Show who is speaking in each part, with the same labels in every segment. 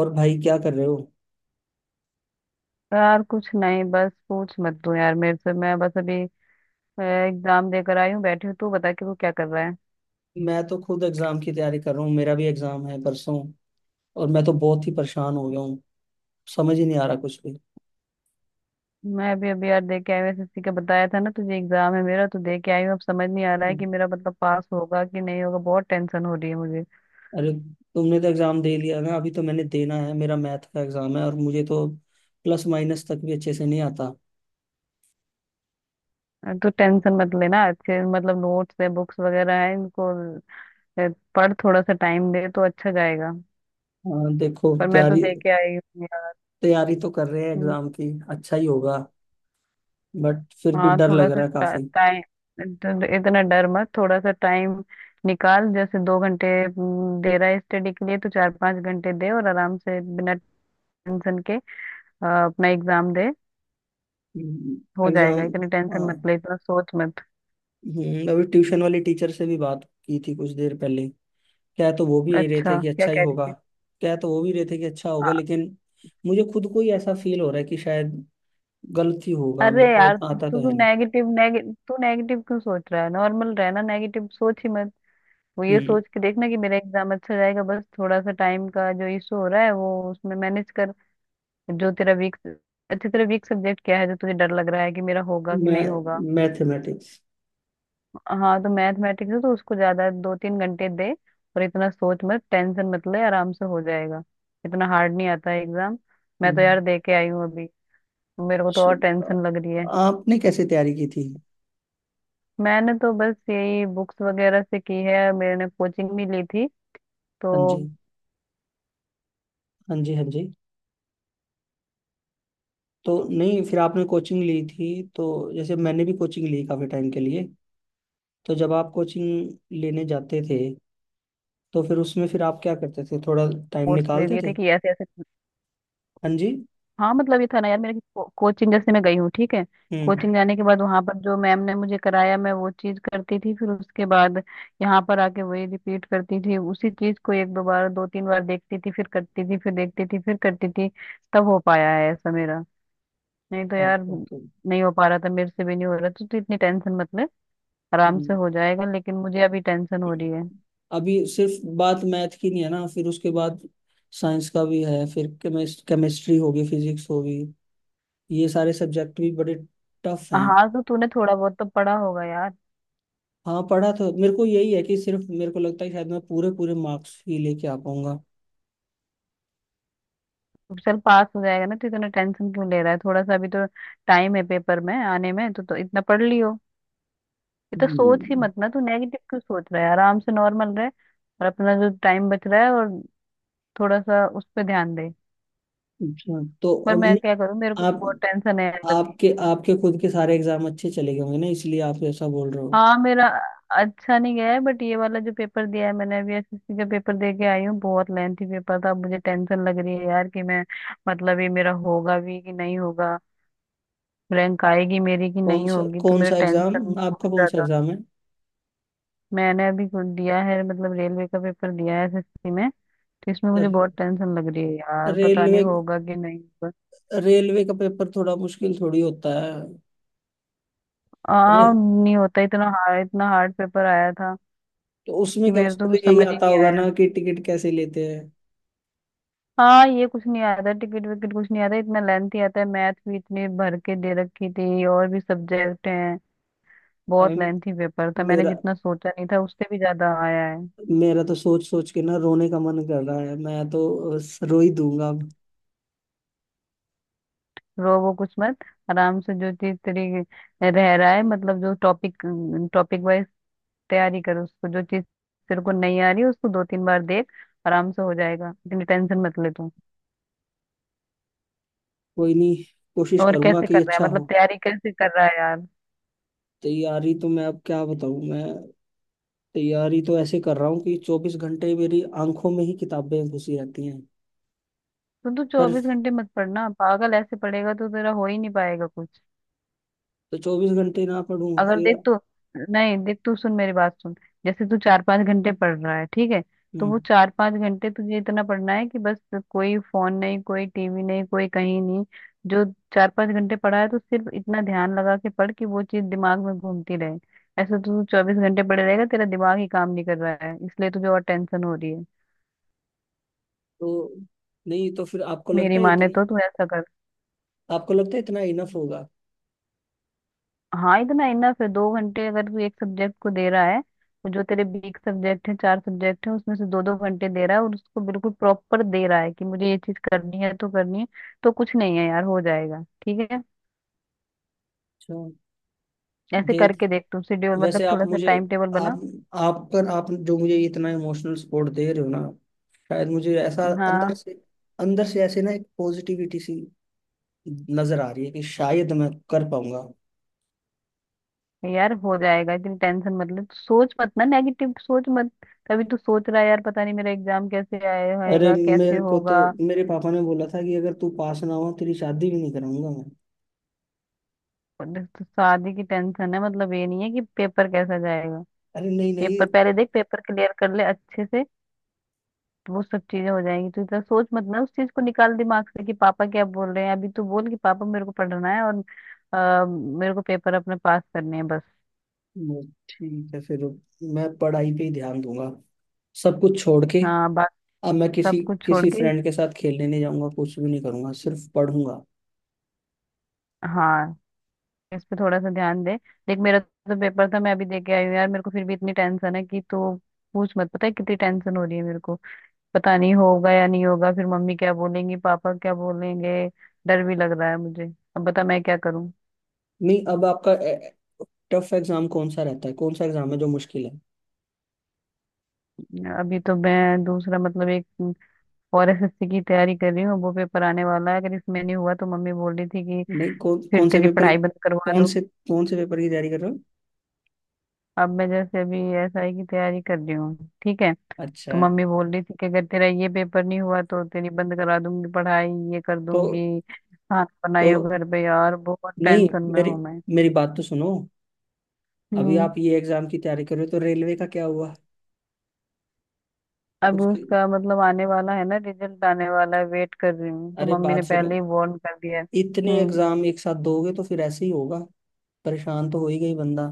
Speaker 1: और भाई क्या कर रहे हो?
Speaker 2: यार कुछ नहीं बस पूछ मत तू यार मेरे से। मैं बस अभी एग्जाम देकर आई हूँ बैठी हूँ। तू बता कि तू क्या कर रहा है।
Speaker 1: मैं तो खुद एग्जाम की तैयारी कर रहा हूँ। मेरा भी एग्जाम है परसों। और मैं तो बहुत ही परेशान हो गया हूँ। समझ ही नहीं आ रहा कुछ भी।
Speaker 2: मैं अभी अभी यार दे के आई हूँ। एसएससी का बताया था ना तुझे। एग्जाम है मेरा तो दे के आई हूँ। अब समझ नहीं आ रहा है कि मेरा मतलब पास होगा कि नहीं होगा। बहुत टेंशन हो रही है मुझे।
Speaker 1: अरे, तुमने तो एग्जाम दे लिया ना, अभी तो मैंने देना है। मेरा मैथ का एग्जाम है और मुझे तो प्लस माइनस तक भी अच्छे से नहीं आता।
Speaker 2: तो टेंशन मत लेना। अच्छे मतलब नोट्स है बुक्स वगैरह है इनको। अ, पढ़ थोड़ा सा टाइम दे तो अच्छा जाएगा।
Speaker 1: हाँ, देखो
Speaker 2: पर मैं तो
Speaker 1: तैयारी
Speaker 2: दे के आई हूँ
Speaker 1: तैयारी तो कर रहे हैं
Speaker 2: यार।
Speaker 1: एग्जाम की, अच्छा ही होगा। बट फिर भी
Speaker 2: हाँ
Speaker 1: डर
Speaker 2: थोड़ा
Speaker 1: लग
Speaker 2: सा
Speaker 1: रहा है काफी।
Speaker 2: टाइम। इतना डर मत थोड़ा सा टाइम निकाल। जैसे दो घंटे दे रहा है स्टडी के लिए तो चार पांच घंटे दे। और आराम से बिना टेंशन के अपना एग्जाम दे। हो जाएगा।
Speaker 1: एग्जाम
Speaker 2: इतनी टेंशन मत ले। इतना सोच मत।
Speaker 1: अभी ट्यूशन वाली टीचर से भी बात की थी कुछ देर पहले। क्या है तो वो भी यही रहे थे
Speaker 2: अच्छा
Speaker 1: कि
Speaker 2: क्या
Speaker 1: अच्छा ही
Speaker 2: कह रही
Speaker 1: होगा।
Speaker 2: थी।
Speaker 1: क्या है तो वो भी रहे थे कि अच्छा होगा,
Speaker 2: हाँ।
Speaker 1: लेकिन मुझे खुद को ही ऐसा फील हो रहा है कि शायद गलत ही होगा।
Speaker 2: अरे
Speaker 1: मेरे को
Speaker 2: यार।
Speaker 1: इतना आता तो
Speaker 2: तू
Speaker 1: है नहीं।
Speaker 2: नेगेटिव नेगे, तू नेगेटिव क्यों सोच रहा है। नॉर्मल रहना। नेगेटिव सोच ही मत। वो ये
Speaker 1: हम्म।
Speaker 2: सोच के देखना कि मेरा एग्जाम अच्छा जाएगा। बस थोड़ा सा टाइम का जो इशू हो रहा है वो उसमें मैनेज कर। जो तेरा वीक अच्छा तेरा वीक सब्जेक्ट क्या है जो तुझे डर लग रहा है कि मेरा होगा कि
Speaker 1: मैं
Speaker 2: नहीं होगा।
Speaker 1: मैथमेटिक्स।
Speaker 2: हाँ तो मैथमेटिक्स है तो उसको ज्यादा दो तीन घंटे दे। और इतना सोच मत। टेंशन मत ले। आराम से हो जाएगा। इतना हार्ड नहीं आता है एग्जाम। मैं तो यार दे के आई हूँ अभी। मेरे को तो और
Speaker 1: अच्छा,
Speaker 2: टेंशन लग रही है।
Speaker 1: आपने कैसे तैयारी की थी?
Speaker 2: मैंने तो बस यही बुक्स वगैरह से की है। मैंने कोचिंग भी ली थी तो
Speaker 1: हाँ जी, हाँ जी, हाँ जी। तो नहीं, फिर आपने कोचिंग ली थी तो जैसे मैंने भी कोचिंग ली काफी टाइम के लिए। तो जब आप कोचिंग लेने जाते थे तो फिर उसमें फिर आप क्या करते थे, थोड़ा टाइम
Speaker 2: कोर्स ले
Speaker 1: निकालते
Speaker 2: लिए थे
Speaker 1: थे?
Speaker 2: कि ऐसे ऐसे।
Speaker 1: हाँ जी।
Speaker 2: हाँ मतलब ये था ना यार मेरे। कोचिंग जैसे मैं गई हूँ ठीक है।
Speaker 1: हम्म।
Speaker 2: कोचिंग जाने के बाद वहां पर जो मैम ने मुझे कराया मैं वो चीज करती थी। फिर उसके बाद यहाँ पर आके वही रिपीट करती थी। उसी चीज को एक दो बार दो तीन बार देखती थी फिर करती थी फिर देखती थी फिर करती थी। तब हो पाया है ऐसा मेरा। नहीं तो यार
Speaker 1: ओके, ओके।
Speaker 2: नहीं हो पा रहा था। मेरे से भी नहीं हो रहा तो इतनी टेंशन मतलब आराम से
Speaker 1: हम्म।
Speaker 2: हो जाएगा। लेकिन मुझे अभी टेंशन हो रही है।
Speaker 1: अभी सिर्फ बात मैथ की नहीं है ना, फिर उसके बाद साइंस का भी है, फिर केमिस्ट्री होगी, फिजिक्स होगी। ये सारे सब्जेक्ट भी बड़े टफ हैं।
Speaker 2: हाँ तो तूने थोड़ा बहुत तो पढ़ा होगा यार।
Speaker 1: हाँ, पढ़ा तो मेरे को यही है कि सिर्फ मेरे को लगता है कि शायद मैं पूरे पूरे मार्क्स ही लेके आ पाऊंगा।
Speaker 2: चल पास हो जाएगा ना। तो इतना टेंशन क्यों ले रहा है। थोड़ा सा अभी तो टाइम है पेपर में आने में तो इतना पढ़ लियो। इतना सोच ही
Speaker 1: हम्म,
Speaker 2: मत ना। तू नेगेटिव क्यों सोच रहा है। आराम से नॉर्मल रहे और अपना जो टाइम बच रहा है और थोड़ा सा उस पर ध्यान दे।
Speaker 1: अच्छा, तो
Speaker 2: पर
Speaker 1: अब नहीं,
Speaker 2: मैं क्या करूँ। मेरे को तो
Speaker 1: आप,
Speaker 2: बहुत टेंशन है यार अभी।
Speaker 1: आपके आपके खुद के सारे एग्जाम अच्छे चले गए होंगे ना, इसलिए आप ऐसा बोल रहे हो।
Speaker 2: हाँ मेरा अच्छा नहीं गया है। बट ये वाला जो पेपर दिया है मैंने अभी एसएससी का पेपर दे के आई हूँ। बहुत लेंथी पेपर था। अब मुझे टेंशन लग रही है यार कि मैं मतलब ये मेरा होगा भी कि नहीं होगा। रैंक आएगी मेरी कि नहीं होगी तो
Speaker 1: कौन
Speaker 2: मेरा
Speaker 1: सा एग्जाम
Speaker 2: टेंशन बहुत
Speaker 1: आपका? कौन सा
Speaker 2: ज्यादा।
Speaker 1: एग्जाम है?
Speaker 2: मैंने अभी कुछ दिया है मतलब रेलवे का पेपर दिया है एसएससी में। तो इसमें मुझे
Speaker 1: रे-
Speaker 2: बहुत टेंशन लग रही है यार। पता नहीं
Speaker 1: रेलवे
Speaker 2: होगा कि नहीं होगा।
Speaker 1: रेलवे का पेपर थोड़ा मुश्किल थोड़ी होता है। रे,
Speaker 2: हाँ नहीं होता इतना हार्ड। इतना हार्ड पेपर आया था
Speaker 1: तो
Speaker 2: कि
Speaker 1: उसमें क्या
Speaker 2: मेरे
Speaker 1: उसको
Speaker 2: तो
Speaker 1: तो
Speaker 2: कुछ
Speaker 1: यही
Speaker 2: समझ ही
Speaker 1: आता
Speaker 2: नहीं
Speaker 1: होगा
Speaker 2: आया।
Speaker 1: ना कि टिकट कैसे लेते हैं।
Speaker 2: हाँ ये कुछ नहीं आता। टिकट विकट कुछ नहीं आता। इतना लेंथी आता है। मैथ भी इतनी भर के दे रखी थी और भी सब्जेक्ट हैं। बहुत
Speaker 1: अभी
Speaker 2: लेंथी पेपर था। मैंने
Speaker 1: मेरा
Speaker 2: जितना सोचा नहीं था उससे भी ज्यादा आया है।
Speaker 1: मेरा तो सोच सोच के ना रोने का मन कर रहा है। मैं तो रो ही दूंगा अब।
Speaker 2: रो वो कुछ मत। आराम से जो चीज तेरी रह रहा है मतलब जो टॉपिक टॉपिक वाइज तैयारी कर। उसको जो चीज तेरे को नहीं आ रही उसको दो तीन बार देख। आराम से हो जाएगा। इतनी टेंशन मत ले तू।
Speaker 1: कोई नहीं, कोशिश
Speaker 2: और
Speaker 1: करूंगा
Speaker 2: कैसे कर
Speaker 1: कि
Speaker 2: रहा है
Speaker 1: अच्छा
Speaker 2: मतलब
Speaker 1: हो।
Speaker 2: तैयारी कैसे कर रहा है यार।
Speaker 1: तैयारी तो मैं अब क्या बताऊं। मैं तैयारी तो ऐसे कर रहा हूँ कि 24 घंटे मेरी आंखों में ही किताबें घुसी रहती हैं।
Speaker 2: तो तू
Speaker 1: पर
Speaker 2: चौबीस घंटे मत पढ़ना पागल। ऐसे पढ़ेगा तो तेरा हो ही नहीं पाएगा कुछ।
Speaker 1: तो 24 घंटे ना पढ़ूं
Speaker 2: अगर
Speaker 1: फिर?
Speaker 2: देख तू नहीं देख तू सुन मेरी बात सुन। जैसे तू चार पांच घंटे पढ़ रहा है ठीक है। तो वो
Speaker 1: हम्म।
Speaker 2: चार पांच घंटे तुझे इतना पढ़ना है कि बस कोई फोन नहीं कोई टीवी नहीं कोई कहीं नहीं। जो चार पांच घंटे पढ़ा है तो सिर्फ इतना ध्यान लगा के पढ़ कि वो चीज दिमाग में घूमती रहे। ऐसे तो तू चौबीस घंटे पड़े रहेगा। तेरा दिमाग ही काम नहीं कर रहा है इसलिए तुझे और टेंशन हो रही है।
Speaker 1: तो नहीं, तो फिर आपको लगता
Speaker 2: मेरी
Speaker 1: है
Speaker 2: माने
Speaker 1: इतना,
Speaker 2: तो तू ऐसा कर।
Speaker 1: आपको लगता है इतना इनफ होगा?
Speaker 2: हाँ इतना इनफ है। दो घंटे अगर तू एक सब्जेक्ट को दे रहा है तो जो तेरे बीक सब्जेक्ट है चार सब्जेक्ट है उसमें से दो दो घंटे दे रहा है और उसको बिल्कुल प्रॉपर दे रहा है कि मुझे ये चीज करनी है तो करनी है। तो कुछ नहीं है यार हो जाएगा ठीक है।
Speaker 1: अच्छा।
Speaker 2: ऐसे
Speaker 1: देख,
Speaker 2: करके देख तू शेड्यूल मतलब
Speaker 1: वैसे आप
Speaker 2: थोड़ा सा
Speaker 1: मुझे,
Speaker 2: टाइम टेबल बना।
Speaker 1: आप आप जो मुझे इतना इमोशनल सपोर्ट दे रहे हो ना, शायद मुझे ऐसा अंदर
Speaker 2: हाँ
Speaker 1: से अंदर से ऐसे ना एक पॉजिटिविटी सी नजर आ रही है कि शायद मैं कर पाऊंगा।
Speaker 2: यार हो जाएगा। इतनी टेंशन मतलब सोच मत ना। नेगेटिव सोच मत। तभी तू सोच रहा है यार पता नहीं मेरा एग्जाम कैसे आए
Speaker 1: अरे,
Speaker 2: होएगा कैसे
Speaker 1: मेरे को तो,
Speaker 2: होगा।
Speaker 1: मेरे पापा ने बोला था कि अगर तू पास ना हो तेरी शादी भी नहीं कराऊंगा मैं।
Speaker 2: और देख, तो शादी की टेंशन है मतलब ये नहीं है कि पेपर कैसा जाएगा।
Speaker 1: अरे नहीं नहीं।
Speaker 2: पेपर पहले देख पेपर क्लियर कर ले अच्छे से। तो वो सब चीजें हो जाएंगी। तू इतना सोच मत ना उस चीज को निकाल दिमाग से कि पापा क्या बोल रहे हैं। अभी तू बोल कि पापा मेरे को पढ़ना है और अ, मेरे को पेपर अपने पास करने हैं बस।
Speaker 1: ठीक है फिर, मैं पढ़ाई पे ही ध्यान दूंगा, सब कुछ छोड़ के।
Speaker 2: हाँ बाकी
Speaker 1: अब मैं किसी
Speaker 2: सब कुछ छोड़
Speaker 1: किसी
Speaker 2: के।
Speaker 1: फ्रेंड के साथ खेलने नहीं जाऊंगा, कुछ भी नहीं करूंगा, सिर्फ पढ़ूंगा।
Speaker 2: हाँ इस पे थोड़ा सा ध्यान दे। देख मेरा तो पेपर था। मैं अभी दे के आई हूँ यार। मेरे को फिर भी इतनी टेंशन है कि तू पूछ मत। पता है कितनी टेंशन हो रही है मेरे को। पता नहीं होगा या नहीं होगा। फिर मम्मी क्या बोलेंगी पापा क्या बोलेंगे। डर भी लग रहा है मुझे। अब बता मैं क्या करूँ।
Speaker 1: नहीं, अब आपका टफ एग्जाम कौन सा रहता है? कौन सा एग्जाम है जो मुश्किल है?
Speaker 2: अभी तो मैं दूसरा मतलब एक और एस एस सी की तैयारी कर रही हूँ। वो पेपर आने वाला है। अगर इसमें नहीं हुआ तो मम्मी बोल रही थी कि
Speaker 1: नहीं, कौन
Speaker 2: फिर
Speaker 1: कौन से
Speaker 2: तेरी
Speaker 1: पेपर,
Speaker 2: पढ़ाई बंद करवा दूँ।
Speaker 1: कौन से पेपर की तैयारी कर रहे हो?
Speaker 2: अब मैं जैसे अभी एस आई की तैयारी कर रही हूँ ठीक है।
Speaker 1: अच्छा।
Speaker 2: तो मम्मी बोल रही थी कि अगर तेरा ये पेपर नहीं हुआ तो तेरी बंद करा दूंगी पढ़ाई। ये कर
Speaker 1: तो
Speaker 2: दूंगी खाना
Speaker 1: तो
Speaker 2: बनाई हो घर पे। यार बहुत
Speaker 1: नहीं,
Speaker 2: टेंशन में
Speaker 1: मेरी
Speaker 2: हूँ मैं।
Speaker 1: मेरी बात तो सुनो। अभी आप
Speaker 2: हम्म।
Speaker 1: ये एग्जाम की तैयारी कर रहे हो तो रेलवे का क्या हुआ
Speaker 2: अब
Speaker 1: उसकी?
Speaker 2: उसका मतलब आने वाला है ना। रिजल्ट आने वाला है वेट कर रही हूँ। तो
Speaker 1: अरे
Speaker 2: मम्मी ने
Speaker 1: बात सुनो,
Speaker 2: पहले ही वार्न कर दिया है।
Speaker 1: इतने
Speaker 2: हम्म।
Speaker 1: एग्जाम एक साथ दोगे तो फिर ऐसे ही होगा, परेशान तो हो ही गई बंदा।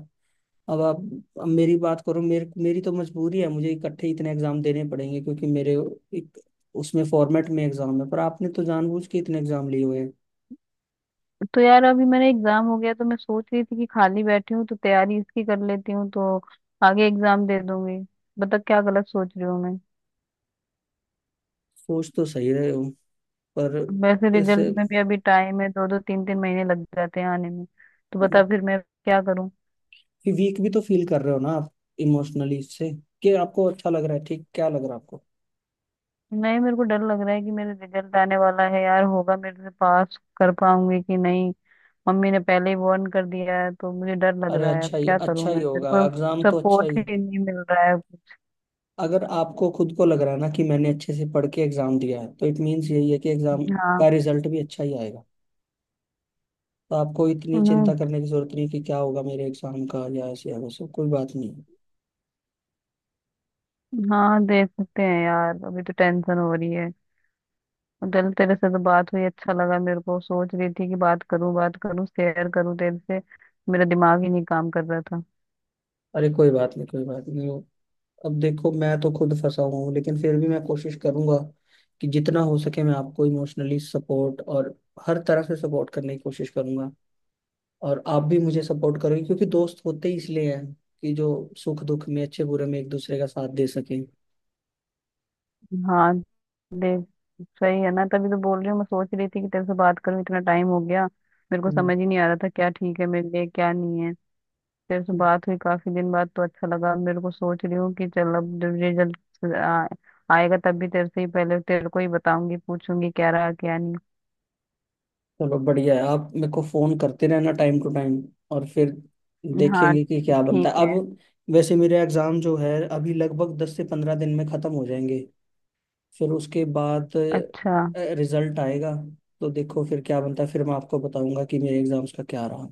Speaker 1: अब आप, अब मेरी बात करो मेरे, मेरी तो मजबूरी है, मुझे इकट्ठे इतने एग्जाम देने पड़ेंगे क्योंकि मेरे एक उसमें फॉर्मेट में एग्जाम है, पर आपने तो जानबूझ के इतने एग्जाम लिए हुए हैं।
Speaker 2: तो यार अभी मेरा एग्जाम हो गया तो मैं सोच रही थी कि खाली बैठी हूँ तो तैयारी इसकी कर लेती हूँ तो आगे एग्जाम दे दूंगी। बता क्या गलत सोच रही हूँ मैं।
Speaker 1: सोच तो सही रहे हो, पर
Speaker 2: वैसे रिजल्ट
Speaker 1: इससे
Speaker 2: में भी अभी टाइम है। दो दो तीन तीन महीने लग जाते हैं आने में। तो बता फिर मैं क्या करूँ।
Speaker 1: वीक भी तो फील कर रहे हो ना आप इमोशनली इससे? कि आपको अच्छा लग रहा है, ठीक, क्या लग रहा है आपको?
Speaker 2: नहीं मेरे को डर लग रहा है कि मेरा रिजल्ट आने वाला है यार। होगा मेरे से पास कर पाऊंगी कि नहीं। मम्मी ने पहले ही वार्न कर दिया है तो मुझे डर लग
Speaker 1: अरे,
Speaker 2: रहा है। अब
Speaker 1: अच्छा ही
Speaker 2: क्या करूँ
Speaker 1: अच्छा
Speaker 2: मैं।
Speaker 1: ही
Speaker 2: मेरे
Speaker 1: होगा
Speaker 2: को
Speaker 1: एग्जाम, तो अच्छा ही
Speaker 2: सपोर्ट
Speaker 1: है।
Speaker 2: ही नहीं मिल रहा है कुछ।
Speaker 1: अगर आपको खुद को लग रहा है ना कि मैंने अच्छे से पढ़ के एग्जाम दिया है तो इट मीन्स यही है कि एग्जाम का रिजल्ट भी अच्छा ही आएगा। तो आपको इतनी चिंता
Speaker 2: हाँ।
Speaker 1: करने की जरूरत नहीं कि क्या होगा मेरे एग्जाम का या ऐसे या वैसे, कोई बात नहीं है।
Speaker 2: हाँ देख सकते हैं यार अभी तो टेंशन हो रही है। और चल तेरे से तो बात हुई अच्छा लगा मेरे को। सोच रही थी कि बात करूं शेयर करूं तेरे से। मेरा दिमाग ही नहीं काम कर रहा था।
Speaker 1: अरे कोई बात नहीं, कोई बात नहीं। अब देखो, मैं तो खुद फंसा हुआ हूँ लेकिन फिर भी मैं कोशिश करूंगा कि जितना हो सके मैं आपको इमोशनली सपोर्ट और हर तरह से सपोर्ट करने की कोशिश करूंगा। और आप भी मुझे सपोर्ट करोगे क्योंकि दोस्त होते ही इसलिए हैं कि जो सुख दुख में, अच्छे बुरे में एक दूसरे का साथ दे सकें।
Speaker 2: हाँ देख सही है ना। तभी तो बोल रही हूँ। मैं सोच रही थी कि तेरे से बात करूं इतना टाइम हो गया। मेरे को
Speaker 1: हम्म।
Speaker 2: समझ ही नहीं आ रहा था क्या ठीक है मेरे लिए क्या नहीं है। तेरे से बात हुई काफी दिन बाद तो अच्छा लगा मेरे को। सोच रही हूँ कि चल अब जब रिजल्ट आएगा तब भी तेरे से ही पहले तेरे को ही बताऊंगी पूछूंगी क्या रहा क्या नहीं।
Speaker 1: चलो बढ़िया है, आप मेरे को फोन करते रहना टाइम टू टाइम और फिर
Speaker 2: हाँ
Speaker 1: देखेंगे कि क्या बनता
Speaker 2: ठीक
Speaker 1: है
Speaker 2: है।
Speaker 1: अब। वैसे मेरे एग्जाम जो है अभी लगभग 10 से 15 दिन में खत्म हो जाएंगे, फिर उसके बाद
Speaker 2: अच्छा।
Speaker 1: रिजल्ट आएगा। तो देखो फिर क्या बनता है, फिर मैं आपको बताऊंगा कि मेरे एग्जाम्स का क्या रहा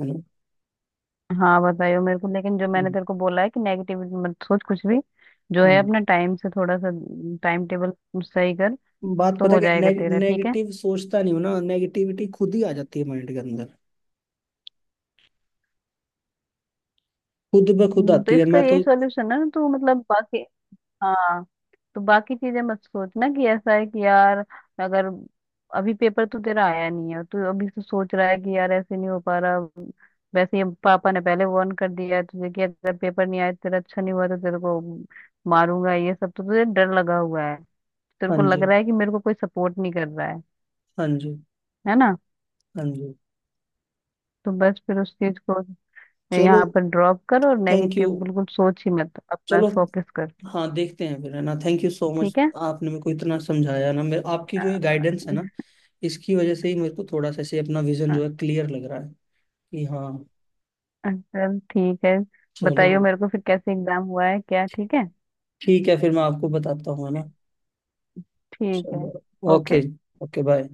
Speaker 1: है ना।
Speaker 2: हाँ बताइयो मेरे को। लेकिन जो मैंने
Speaker 1: हम्म,
Speaker 2: तेरे को बोला है कि नेगेटिविटी मत सोच कुछ भी। जो है
Speaker 1: हम्म।
Speaker 2: अपना टाइम से थोड़ा सा टाइम टेबल सही कर।
Speaker 1: बात
Speaker 2: तो
Speaker 1: पता है
Speaker 2: हो
Speaker 1: कि ने,
Speaker 2: जाएगा तेरा ठीक है
Speaker 1: नेगेटिव सोचता नहीं हूं ना, नेगेटिविटी खुद ही आ जाती है माइंड के अंदर, खुद ब खुद
Speaker 2: तो
Speaker 1: आती है
Speaker 2: इसका
Speaker 1: मैं
Speaker 2: यही
Speaker 1: तो।
Speaker 2: सॉल्यूशन है ना तो मतलब बाकी। हाँ तो बाकी चीजें मत सोचना कि ऐसा है कि यार अगर अभी पेपर तो तेरा आया नहीं है तू अभी से सोच रहा है कि यार ऐसे नहीं हो पा रहा। वैसे ही पापा ने पहले वार्न कर दिया है तुझे कि अगर पेपर नहीं आया तेरा अच्छा नहीं हुआ तो तेरे को मारूंगा ये सब। तो तुझे डर लगा हुआ है। तेरे
Speaker 1: हाँ
Speaker 2: को लग
Speaker 1: जी,
Speaker 2: रहा है कि मेरे को कोई सपोर्ट नहीं कर रहा है।
Speaker 1: हाँ जी,
Speaker 2: है ना।
Speaker 1: हाँ जी।
Speaker 2: तो बस फिर उस चीज को
Speaker 1: चलो,
Speaker 2: यहाँ पर ड्रॉप कर और
Speaker 1: थैंक यू।
Speaker 2: नेगेटिव बिल्कुल सोच ही मत अपना
Speaker 1: चलो,
Speaker 2: फोकस कर।
Speaker 1: हाँ देखते हैं फिर है ना, थैंक यू सो मच,
Speaker 2: ठीक
Speaker 1: आपने मेरे को इतना समझाया ना। मेरे आपकी जो ये गाइडेंस है ना, इसकी वजह से ही मेरे को थोड़ा सा ऐसे अपना विजन
Speaker 2: है।
Speaker 1: जो है क्लियर लग रहा है कि हाँ।
Speaker 2: चल ठीक है। बताइयो
Speaker 1: चलो
Speaker 2: मेरे को फिर कैसे एग्जाम हुआ है क्या ठीक है।
Speaker 1: ठीक है, फिर मैं आपको बताता हूँ है ना।
Speaker 2: ठीक है।
Speaker 1: चलो। ओके।
Speaker 2: ओके।
Speaker 1: Okay, bye.